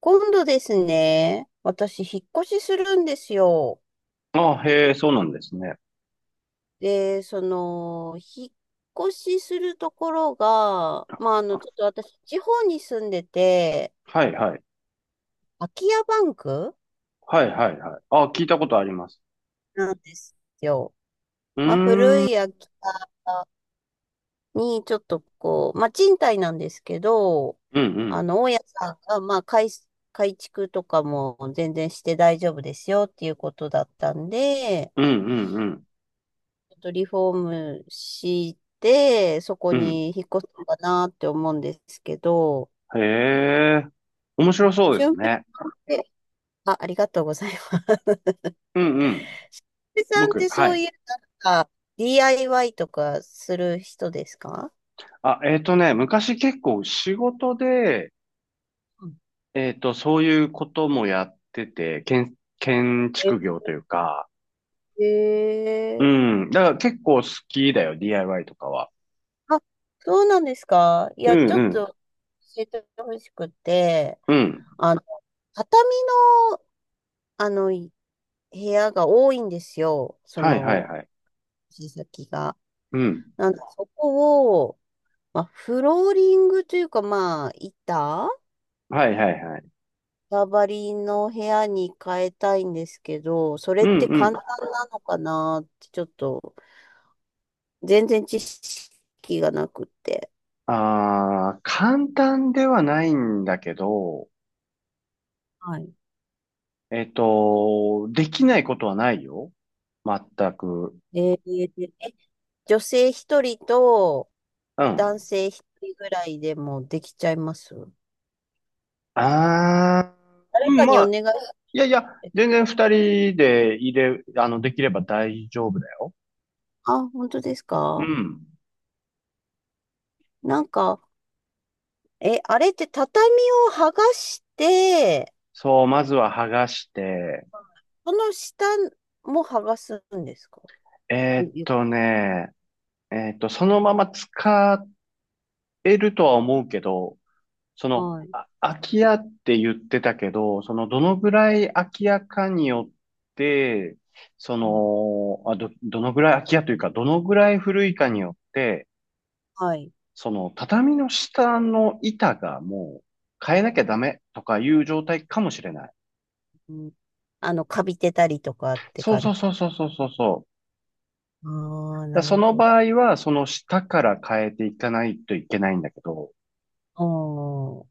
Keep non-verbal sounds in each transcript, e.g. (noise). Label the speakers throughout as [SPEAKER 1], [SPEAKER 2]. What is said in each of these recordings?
[SPEAKER 1] 今度ですね、私、引っ越しするんですよ。
[SPEAKER 2] あ、へえ、そうなんですね。
[SPEAKER 1] で、引っ越しするところが、まあ、ちょっと私、地方に住んでて、
[SPEAKER 2] はいはい。
[SPEAKER 1] 空き家バンク
[SPEAKER 2] はいはいはい。あ、聞いたことあります。
[SPEAKER 1] なんですよ。
[SPEAKER 2] うー
[SPEAKER 1] まあ、
[SPEAKER 2] ん。
[SPEAKER 1] 古
[SPEAKER 2] う
[SPEAKER 1] い
[SPEAKER 2] ん
[SPEAKER 1] 空き家に、ちょっとこう、まあ、賃貸なんですけど、
[SPEAKER 2] う
[SPEAKER 1] あ
[SPEAKER 2] ん。
[SPEAKER 1] の、大家さんが、まあ、改築とかも全然して大丈夫ですよっていうことだったんで、
[SPEAKER 2] うんうんうん。
[SPEAKER 1] ちょっとリフォームして、そこ
[SPEAKER 2] うん。
[SPEAKER 1] に引っ越すのかなって思うんですけど、
[SPEAKER 2] へえ。面白そうです
[SPEAKER 1] 俊平
[SPEAKER 2] ね。
[SPEAKER 1] さんって、あ、ありがとうございます。俊
[SPEAKER 2] うんうん。
[SPEAKER 1] 平さんっ
[SPEAKER 2] 僕、
[SPEAKER 1] て
[SPEAKER 2] は
[SPEAKER 1] そう
[SPEAKER 2] い。
[SPEAKER 1] いう、なんか、DIY とかする人ですか？
[SPEAKER 2] あ、昔結構仕事で、
[SPEAKER 1] うん。
[SPEAKER 2] そういうこともやってて、建築業というか、う
[SPEAKER 1] ええ
[SPEAKER 2] ん。だから結構好きだよ、DIY とかは。
[SPEAKER 1] ー。あ、そうなんですか？い
[SPEAKER 2] う
[SPEAKER 1] や、ち
[SPEAKER 2] ん
[SPEAKER 1] ょ
[SPEAKER 2] う
[SPEAKER 1] っ
[SPEAKER 2] ん。
[SPEAKER 1] と教えてほしくて、
[SPEAKER 2] うん。
[SPEAKER 1] あの、畳の、あの、部屋が多いんですよ。そ
[SPEAKER 2] はいはい
[SPEAKER 1] の、
[SPEAKER 2] はい。
[SPEAKER 1] 先が。
[SPEAKER 2] うん。
[SPEAKER 1] なんで、そこまあ、フローリングというか、まあ、板
[SPEAKER 2] はいはいはい。
[SPEAKER 1] ババリの部屋に変えたいんですけど、それ
[SPEAKER 2] う
[SPEAKER 1] って簡
[SPEAKER 2] ん。
[SPEAKER 1] 単なのかなって、ちょっと、全然知識がなくて。
[SPEAKER 2] ああ、簡単ではないんだけど、
[SPEAKER 1] はい。
[SPEAKER 2] できないことはないよ。全く。
[SPEAKER 1] で女性一人と
[SPEAKER 2] うん。
[SPEAKER 1] 男性一人ぐらいでもできちゃいます？
[SPEAKER 2] ああ、う
[SPEAKER 1] 誰
[SPEAKER 2] ん、
[SPEAKER 1] かに
[SPEAKER 2] ま
[SPEAKER 1] お
[SPEAKER 2] あ、
[SPEAKER 1] 願いし
[SPEAKER 2] いやいや、
[SPEAKER 1] て。
[SPEAKER 2] 全然二人で入れ、あの、できれば大丈夫だよ。
[SPEAKER 1] あ、本当です
[SPEAKER 2] う
[SPEAKER 1] か？
[SPEAKER 2] ん。
[SPEAKER 1] なんか、あれって畳を剥がして、
[SPEAKER 2] そう、まずは剥がして、
[SPEAKER 1] その下も剥がすんですか？よ。
[SPEAKER 2] ね、えーっと、そのまま使えるとは思うけど、
[SPEAKER 1] はい。
[SPEAKER 2] あ、空き家って言ってたけど、どのぐらい空き家かによって、
[SPEAKER 1] うん、
[SPEAKER 2] どのぐらい空き家というか、どのぐらい古いかによって、
[SPEAKER 1] はい。
[SPEAKER 2] 畳の下の板がもう変えなきゃダメとかいう状態かもしれない。
[SPEAKER 1] うん、あの、カビてたりとかって
[SPEAKER 2] そう
[SPEAKER 1] 感じ。
[SPEAKER 2] そうそうそうそうそうそう。
[SPEAKER 1] ああ、
[SPEAKER 2] だ
[SPEAKER 1] なる
[SPEAKER 2] その
[SPEAKER 1] ほ
[SPEAKER 2] 場合は、その下から変えていかないといけないんだけど、
[SPEAKER 1] ど。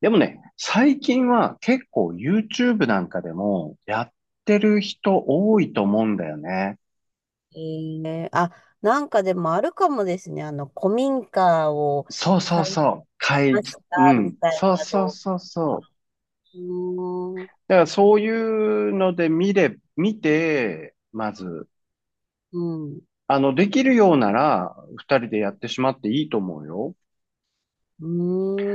[SPEAKER 2] でもね、最近は結構 YouTube なんかでもやってる人多いと思うんだよね。
[SPEAKER 1] うん。あ、なんかでもあるかもですね。あの、古民家を
[SPEAKER 2] そうそ
[SPEAKER 1] 買
[SPEAKER 2] う
[SPEAKER 1] い
[SPEAKER 2] そう。会
[SPEAKER 1] まし
[SPEAKER 2] 議、う
[SPEAKER 1] たみ
[SPEAKER 2] ん。
[SPEAKER 1] たい
[SPEAKER 2] そう
[SPEAKER 1] な
[SPEAKER 2] そう
[SPEAKER 1] 動
[SPEAKER 2] そう
[SPEAKER 1] 画。
[SPEAKER 2] そう。
[SPEAKER 1] うーん。
[SPEAKER 2] だからそういうので見て、まず、
[SPEAKER 1] うん。
[SPEAKER 2] できるようなら、二人でやってしまっていいと思うよ。
[SPEAKER 1] う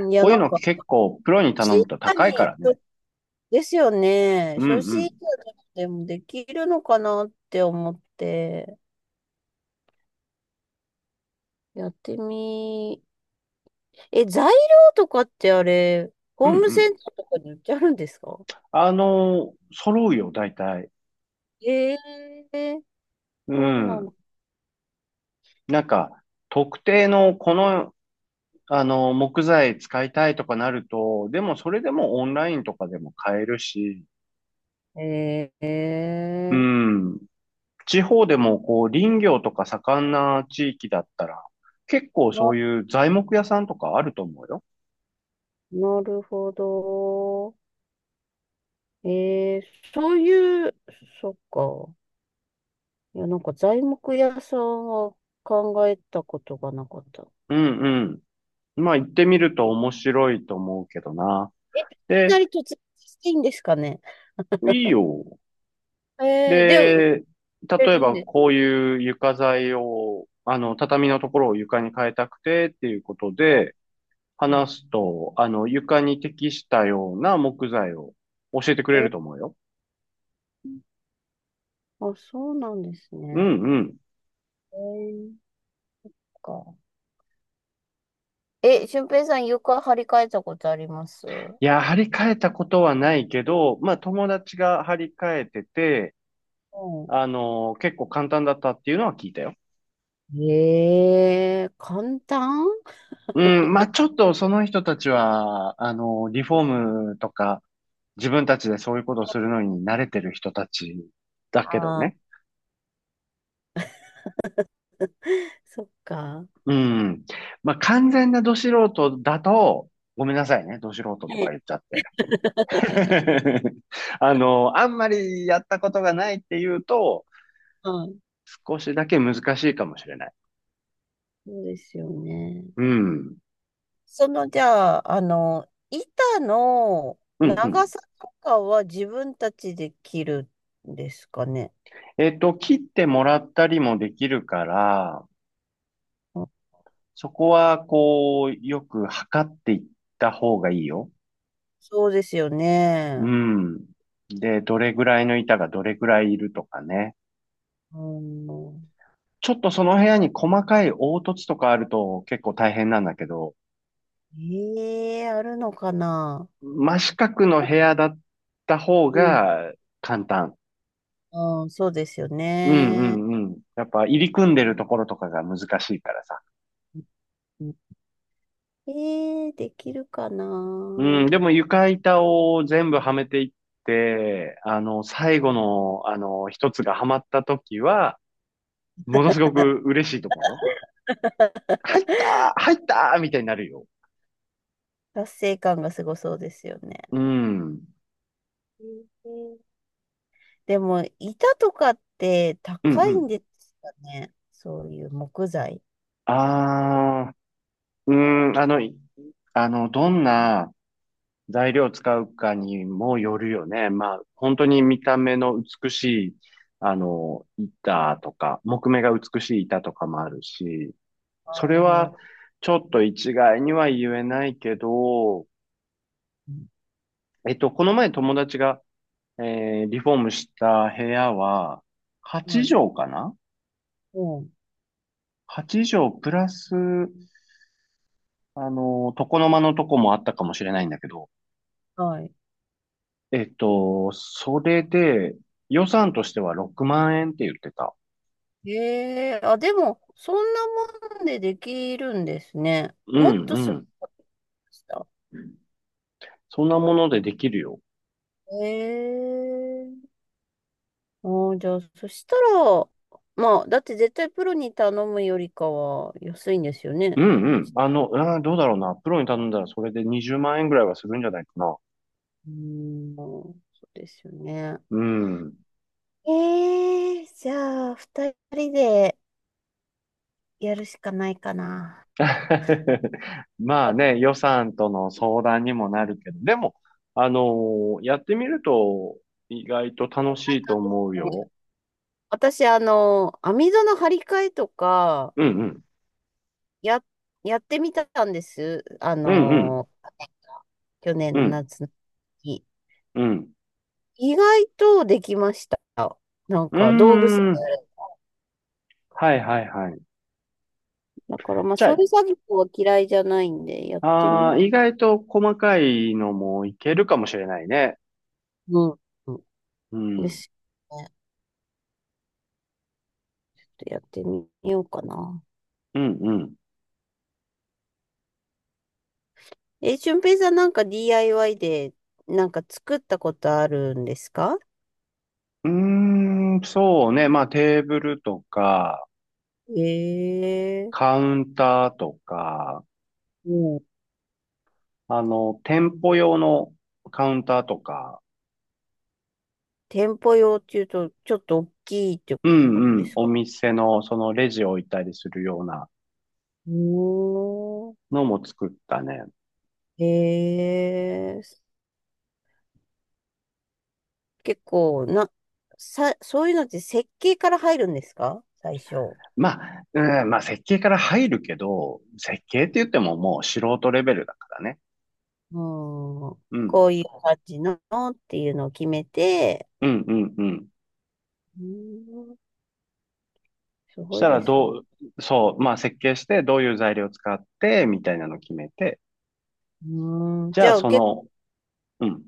[SPEAKER 1] ーん。いや、
[SPEAKER 2] こういう
[SPEAKER 1] なん
[SPEAKER 2] の
[SPEAKER 1] か、
[SPEAKER 2] 結構、プロに頼
[SPEAKER 1] 小
[SPEAKER 2] むと
[SPEAKER 1] さ
[SPEAKER 2] 高
[SPEAKER 1] に、
[SPEAKER 2] いからね。
[SPEAKER 1] ですよね。
[SPEAKER 2] うんう
[SPEAKER 1] 初心
[SPEAKER 2] ん。
[SPEAKER 1] 者でもできるのかなって思って、やってみえ、材料とかってあれ、
[SPEAKER 2] うん
[SPEAKER 1] ホー
[SPEAKER 2] う
[SPEAKER 1] ムセ
[SPEAKER 2] ん。
[SPEAKER 1] ンターとかに売ってあるんですか？
[SPEAKER 2] 揃うよ、大体。
[SPEAKER 1] ええ、
[SPEAKER 2] う
[SPEAKER 1] そうな
[SPEAKER 2] ん。
[SPEAKER 1] の。
[SPEAKER 2] なんか、特定のこのあの、木材使いたいとかなると、でもそれでもオンラインとかでも買えるし、
[SPEAKER 1] え
[SPEAKER 2] う
[SPEAKER 1] え、
[SPEAKER 2] ん。地方でもこう林業とか盛んな地域だったら、結構
[SPEAKER 1] な、
[SPEAKER 2] そういう材木屋さんとかあると思うよ。
[SPEAKER 1] なるほど。ええ、そういう、そっか。いや、なんか材木屋さんは考えたことがなかった。
[SPEAKER 2] うんうん。まあ行ってみると面白いと思うけどな。
[SPEAKER 1] え、いきな
[SPEAKER 2] で、
[SPEAKER 1] り突然していいんですかね？
[SPEAKER 2] いいよ。
[SPEAKER 1] ええ、で、売っ
[SPEAKER 2] で、
[SPEAKER 1] て
[SPEAKER 2] 例え
[SPEAKER 1] るん
[SPEAKER 2] ば
[SPEAKER 1] で
[SPEAKER 2] こ
[SPEAKER 1] す
[SPEAKER 2] ういう床材を、畳のところを床に変えたくてっていうこと
[SPEAKER 1] か、
[SPEAKER 2] で、
[SPEAKER 1] うん、
[SPEAKER 2] 話すと、床に適したような木材を教えてくれ
[SPEAKER 1] え
[SPEAKER 2] る
[SPEAKER 1] え、
[SPEAKER 2] と思うよ。
[SPEAKER 1] あ、そうなんです
[SPEAKER 2] う
[SPEAKER 1] ね。
[SPEAKER 2] んうん。
[SPEAKER 1] ええ、そっか。え、俊平さん床張り替えたことあります？
[SPEAKER 2] いや、張り替えたことはないけど、まあ友達が張り替えてて、
[SPEAKER 1] う
[SPEAKER 2] 結構簡単だったっていうのは聞いたよ。
[SPEAKER 1] ん。ええ、簡単。
[SPEAKER 2] うん、まあちょっとその人たちは、リフォームとか、自分たちでそういうことをするのに慣れてる人たちだけど
[SPEAKER 1] ああ
[SPEAKER 2] ね。
[SPEAKER 1] ー、そっか。
[SPEAKER 2] うん。まあ完全なド素人だと、ごめんなさいね、ド素人とか
[SPEAKER 1] ね、
[SPEAKER 2] 言っちゃって。(laughs) あんまりやったことがないっていうと、
[SPEAKER 1] はい。
[SPEAKER 2] 少しだけ難しいかもしれない。
[SPEAKER 1] そうですよね。
[SPEAKER 2] うん。
[SPEAKER 1] その、じゃあ、あの、板の
[SPEAKER 2] うんうん。
[SPEAKER 1] 長さとかは自分たちで切るんですかね。
[SPEAKER 2] 切ってもらったりもできるから、
[SPEAKER 1] うん、
[SPEAKER 2] そこは、よく測っていった方がいいよ。
[SPEAKER 1] そうですよ
[SPEAKER 2] う
[SPEAKER 1] ね。
[SPEAKER 2] ん。で、どれぐらいの板がどれぐらいいるとかね。
[SPEAKER 1] うん。
[SPEAKER 2] ちょっとその部屋に細かい凹凸とかあると結構大変なんだけど、
[SPEAKER 1] ええ、あるのかな？
[SPEAKER 2] 真四角の部屋だった方
[SPEAKER 1] うん。
[SPEAKER 2] が簡単。
[SPEAKER 1] うん、そうですよ
[SPEAKER 2] うんう
[SPEAKER 1] ね。
[SPEAKER 2] んうん。やっぱ入り組んでるところとかが難しいからさ。
[SPEAKER 1] うん。えできるかな。
[SPEAKER 2] うん、でも床板を全部はめていって、最後の、一つがはまった時は、ものすごく嬉しいと思うよ。入ったー入ったーみたいになるよ。
[SPEAKER 1] 達成感がすごそうですよね。
[SPEAKER 2] うん。うん
[SPEAKER 1] うん。でも、板とかって
[SPEAKER 2] う
[SPEAKER 1] 高いん
[SPEAKER 2] ん。
[SPEAKER 1] ですかね。そういう木材。
[SPEAKER 2] ああ、うん、あの、いあの、どんな材料を使うかにもよるよね。まあ、本当に見た目の美しい、板とか、木目が美しい板とかもあるし、
[SPEAKER 1] あ
[SPEAKER 2] それ
[SPEAKER 1] あ、
[SPEAKER 2] は
[SPEAKER 1] う
[SPEAKER 2] ちょっと一概には言えないけど、
[SPEAKER 1] ん、
[SPEAKER 2] この前友達が、リフォームした部屋は、8
[SPEAKER 1] はい。
[SPEAKER 2] 畳かな、
[SPEAKER 1] うん。
[SPEAKER 2] 8 畳プラス、床の間のとこもあったかもしれないんだけど、
[SPEAKER 1] はい。
[SPEAKER 2] それで、予算としては6万円って言ってた。
[SPEAKER 1] ええ、あ、でも、そんなもんでできるんですね。
[SPEAKER 2] う
[SPEAKER 1] もっ
[SPEAKER 2] ん
[SPEAKER 1] とす
[SPEAKER 2] う
[SPEAKER 1] る
[SPEAKER 2] ん。
[SPEAKER 1] かと思いました。
[SPEAKER 2] そんなものでできるよ。
[SPEAKER 1] ええ、ああ、じゃあ、そしたら、まあ、だって絶対プロに頼むよりかは安いんですよ
[SPEAKER 2] う
[SPEAKER 1] ね。
[SPEAKER 2] んうん。うん、どうだろうな。プロに頼んだらそれで20万円ぐらいはするんじゃないかな。
[SPEAKER 1] うん、そうですよね。
[SPEAKER 2] うん。
[SPEAKER 1] えじゃあ、二人でやるしかないかな。
[SPEAKER 2] (laughs) まあね、予算との相談にもなるけど、でも、あのやってみると意外と楽しい
[SPEAKER 1] そ
[SPEAKER 2] と
[SPEAKER 1] うです
[SPEAKER 2] 思う
[SPEAKER 1] ね。
[SPEAKER 2] よ。
[SPEAKER 1] 私、あの、網戸の張り替えとか、
[SPEAKER 2] うんうん。
[SPEAKER 1] や、やってみたんです。あ
[SPEAKER 2] うんうん。
[SPEAKER 1] の、去年
[SPEAKER 2] う
[SPEAKER 1] の
[SPEAKER 2] ん
[SPEAKER 1] 夏の時。
[SPEAKER 2] うん。
[SPEAKER 1] 意外とできました。なん
[SPEAKER 2] うー
[SPEAKER 1] か、道具さえあ
[SPEAKER 2] ん。
[SPEAKER 1] れば
[SPEAKER 2] はいはいはい。
[SPEAKER 1] だから、まあ、
[SPEAKER 2] じ
[SPEAKER 1] そう
[SPEAKER 2] ゃ
[SPEAKER 1] いう作業は嫌いじゃないんで、やってみ
[SPEAKER 2] あ、
[SPEAKER 1] よ
[SPEAKER 2] 意外と細かいのもいけるかもしれないね。
[SPEAKER 1] う。うん。う
[SPEAKER 2] う
[SPEAKER 1] んで
[SPEAKER 2] ん。
[SPEAKER 1] すよね。ちょっとやってみようかな。
[SPEAKER 2] うんうん。
[SPEAKER 1] え、俊平さんなんか DIY でなんか作ったことあるんですか？
[SPEAKER 2] うーん、そうね。まあ、テーブルとか、
[SPEAKER 1] ええ。
[SPEAKER 2] カウンターとか、
[SPEAKER 1] もう
[SPEAKER 2] 店舗用のカウンターとか、
[SPEAKER 1] 店舗用っていうとちょっと大きいって
[SPEAKER 2] う
[SPEAKER 1] こと
[SPEAKER 2] んう
[SPEAKER 1] で
[SPEAKER 2] ん、
[SPEAKER 1] す
[SPEAKER 2] お
[SPEAKER 1] か？
[SPEAKER 2] 店のそのレジを置いたりするような
[SPEAKER 1] うーん。
[SPEAKER 2] のも作ったね。
[SPEAKER 1] ええ、結構な、そういうのって設計から入るんですか、最初？う
[SPEAKER 2] まあ、うん、まあ、設計から入るけど、設計って言ってももう素人レベルだからね。
[SPEAKER 1] ん。
[SPEAKER 2] うん、
[SPEAKER 1] こういう感じのっていうのを決めて、
[SPEAKER 2] うん、うん、うん。
[SPEAKER 1] うーん、す
[SPEAKER 2] し
[SPEAKER 1] ごい
[SPEAKER 2] たら
[SPEAKER 1] ですね。
[SPEAKER 2] どう、そう、まあ、設計してどういう材料を使って、みたいなのを決めて、
[SPEAKER 1] うーん。
[SPEAKER 2] じ
[SPEAKER 1] じ
[SPEAKER 2] ゃあ
[SPEAKER 1] ゃあ
[SPEAKER 2] そ
[SPEAKER 1] 結構
[SPEAKER 2] の、うん。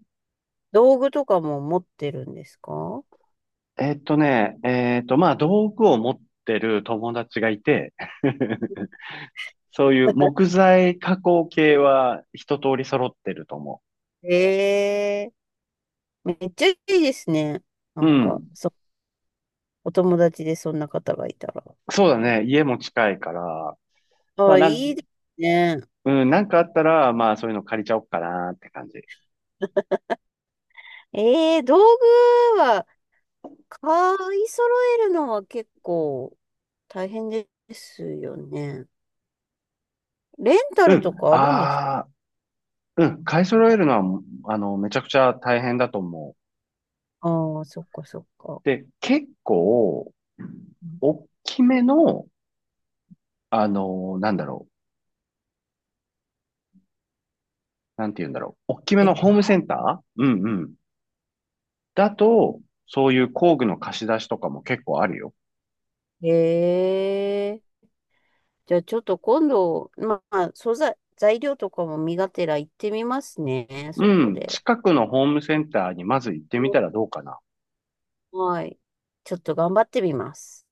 [SPEAKER 1] 道具とかも持ってるんですか？
[SPEAKER 2] えっとね、えっと、まあ、道具を持ってる友達がいて、(laughs) そういう木
[SPEAKER 1] (laughs)
[SPEAKER 2] 材加工系は一通り揃ってると思
[SPEAKER 1] ええ、めっちゃいいですね。な
[SPEAKER 2] う。う
[SPEAKER 1] んか、
[SPEAKER 2] ん。
[SPEAKER 1] お友達でそんな方がいたら。
[SPEAKER 2] そうだね。家も近いから、まあ、
[SPEAKER 1] あ、いいですね。
[SPEAKER 2] うん、なんかあったら、まあ、そういうの借りちゃおっかなって感じ。
[SPEAKER 1] ええ、道具は買い揃えるのは結構大変ですよね。レンタ
[SPEAKER 2] う
[SPEAKER 1] ル
[SPEAKER 2] ん。
[SPEAKER 1] とかあるんですか？
[SPEAKER 2] ああ、うん。買い揃えるのは、めちゃくちゃ大変だと思う。
[SPEAKER 1] ああー、そっかそっか。
[SPEAKER 2] で、結構、
[SPEAKER 1] うん。
[SPEAKER 2] 大きめの、なんだろう。なんて言うんだろう。大きめのホームセ
[SPEAKER 1] え
[SPEAKER 2] ンター、うんうん、だと、そういう工具の貸し出しとかも結構あるよ。
[SPEAKER 1] へえ、じゃあちょっと今度、まあ、素材、材料とかも身がてら行ってみますね、
[SPEAKER 2] う
[SPEAKER 1] そこ
[SPEAKER 2] ん。
[SPEAKER 1] で。
[SPEAKER 2] 近くのホームセンターにまず行ってみたらどうかな。
[SPEAKER 1] はい。ちょっと頑張ってみます。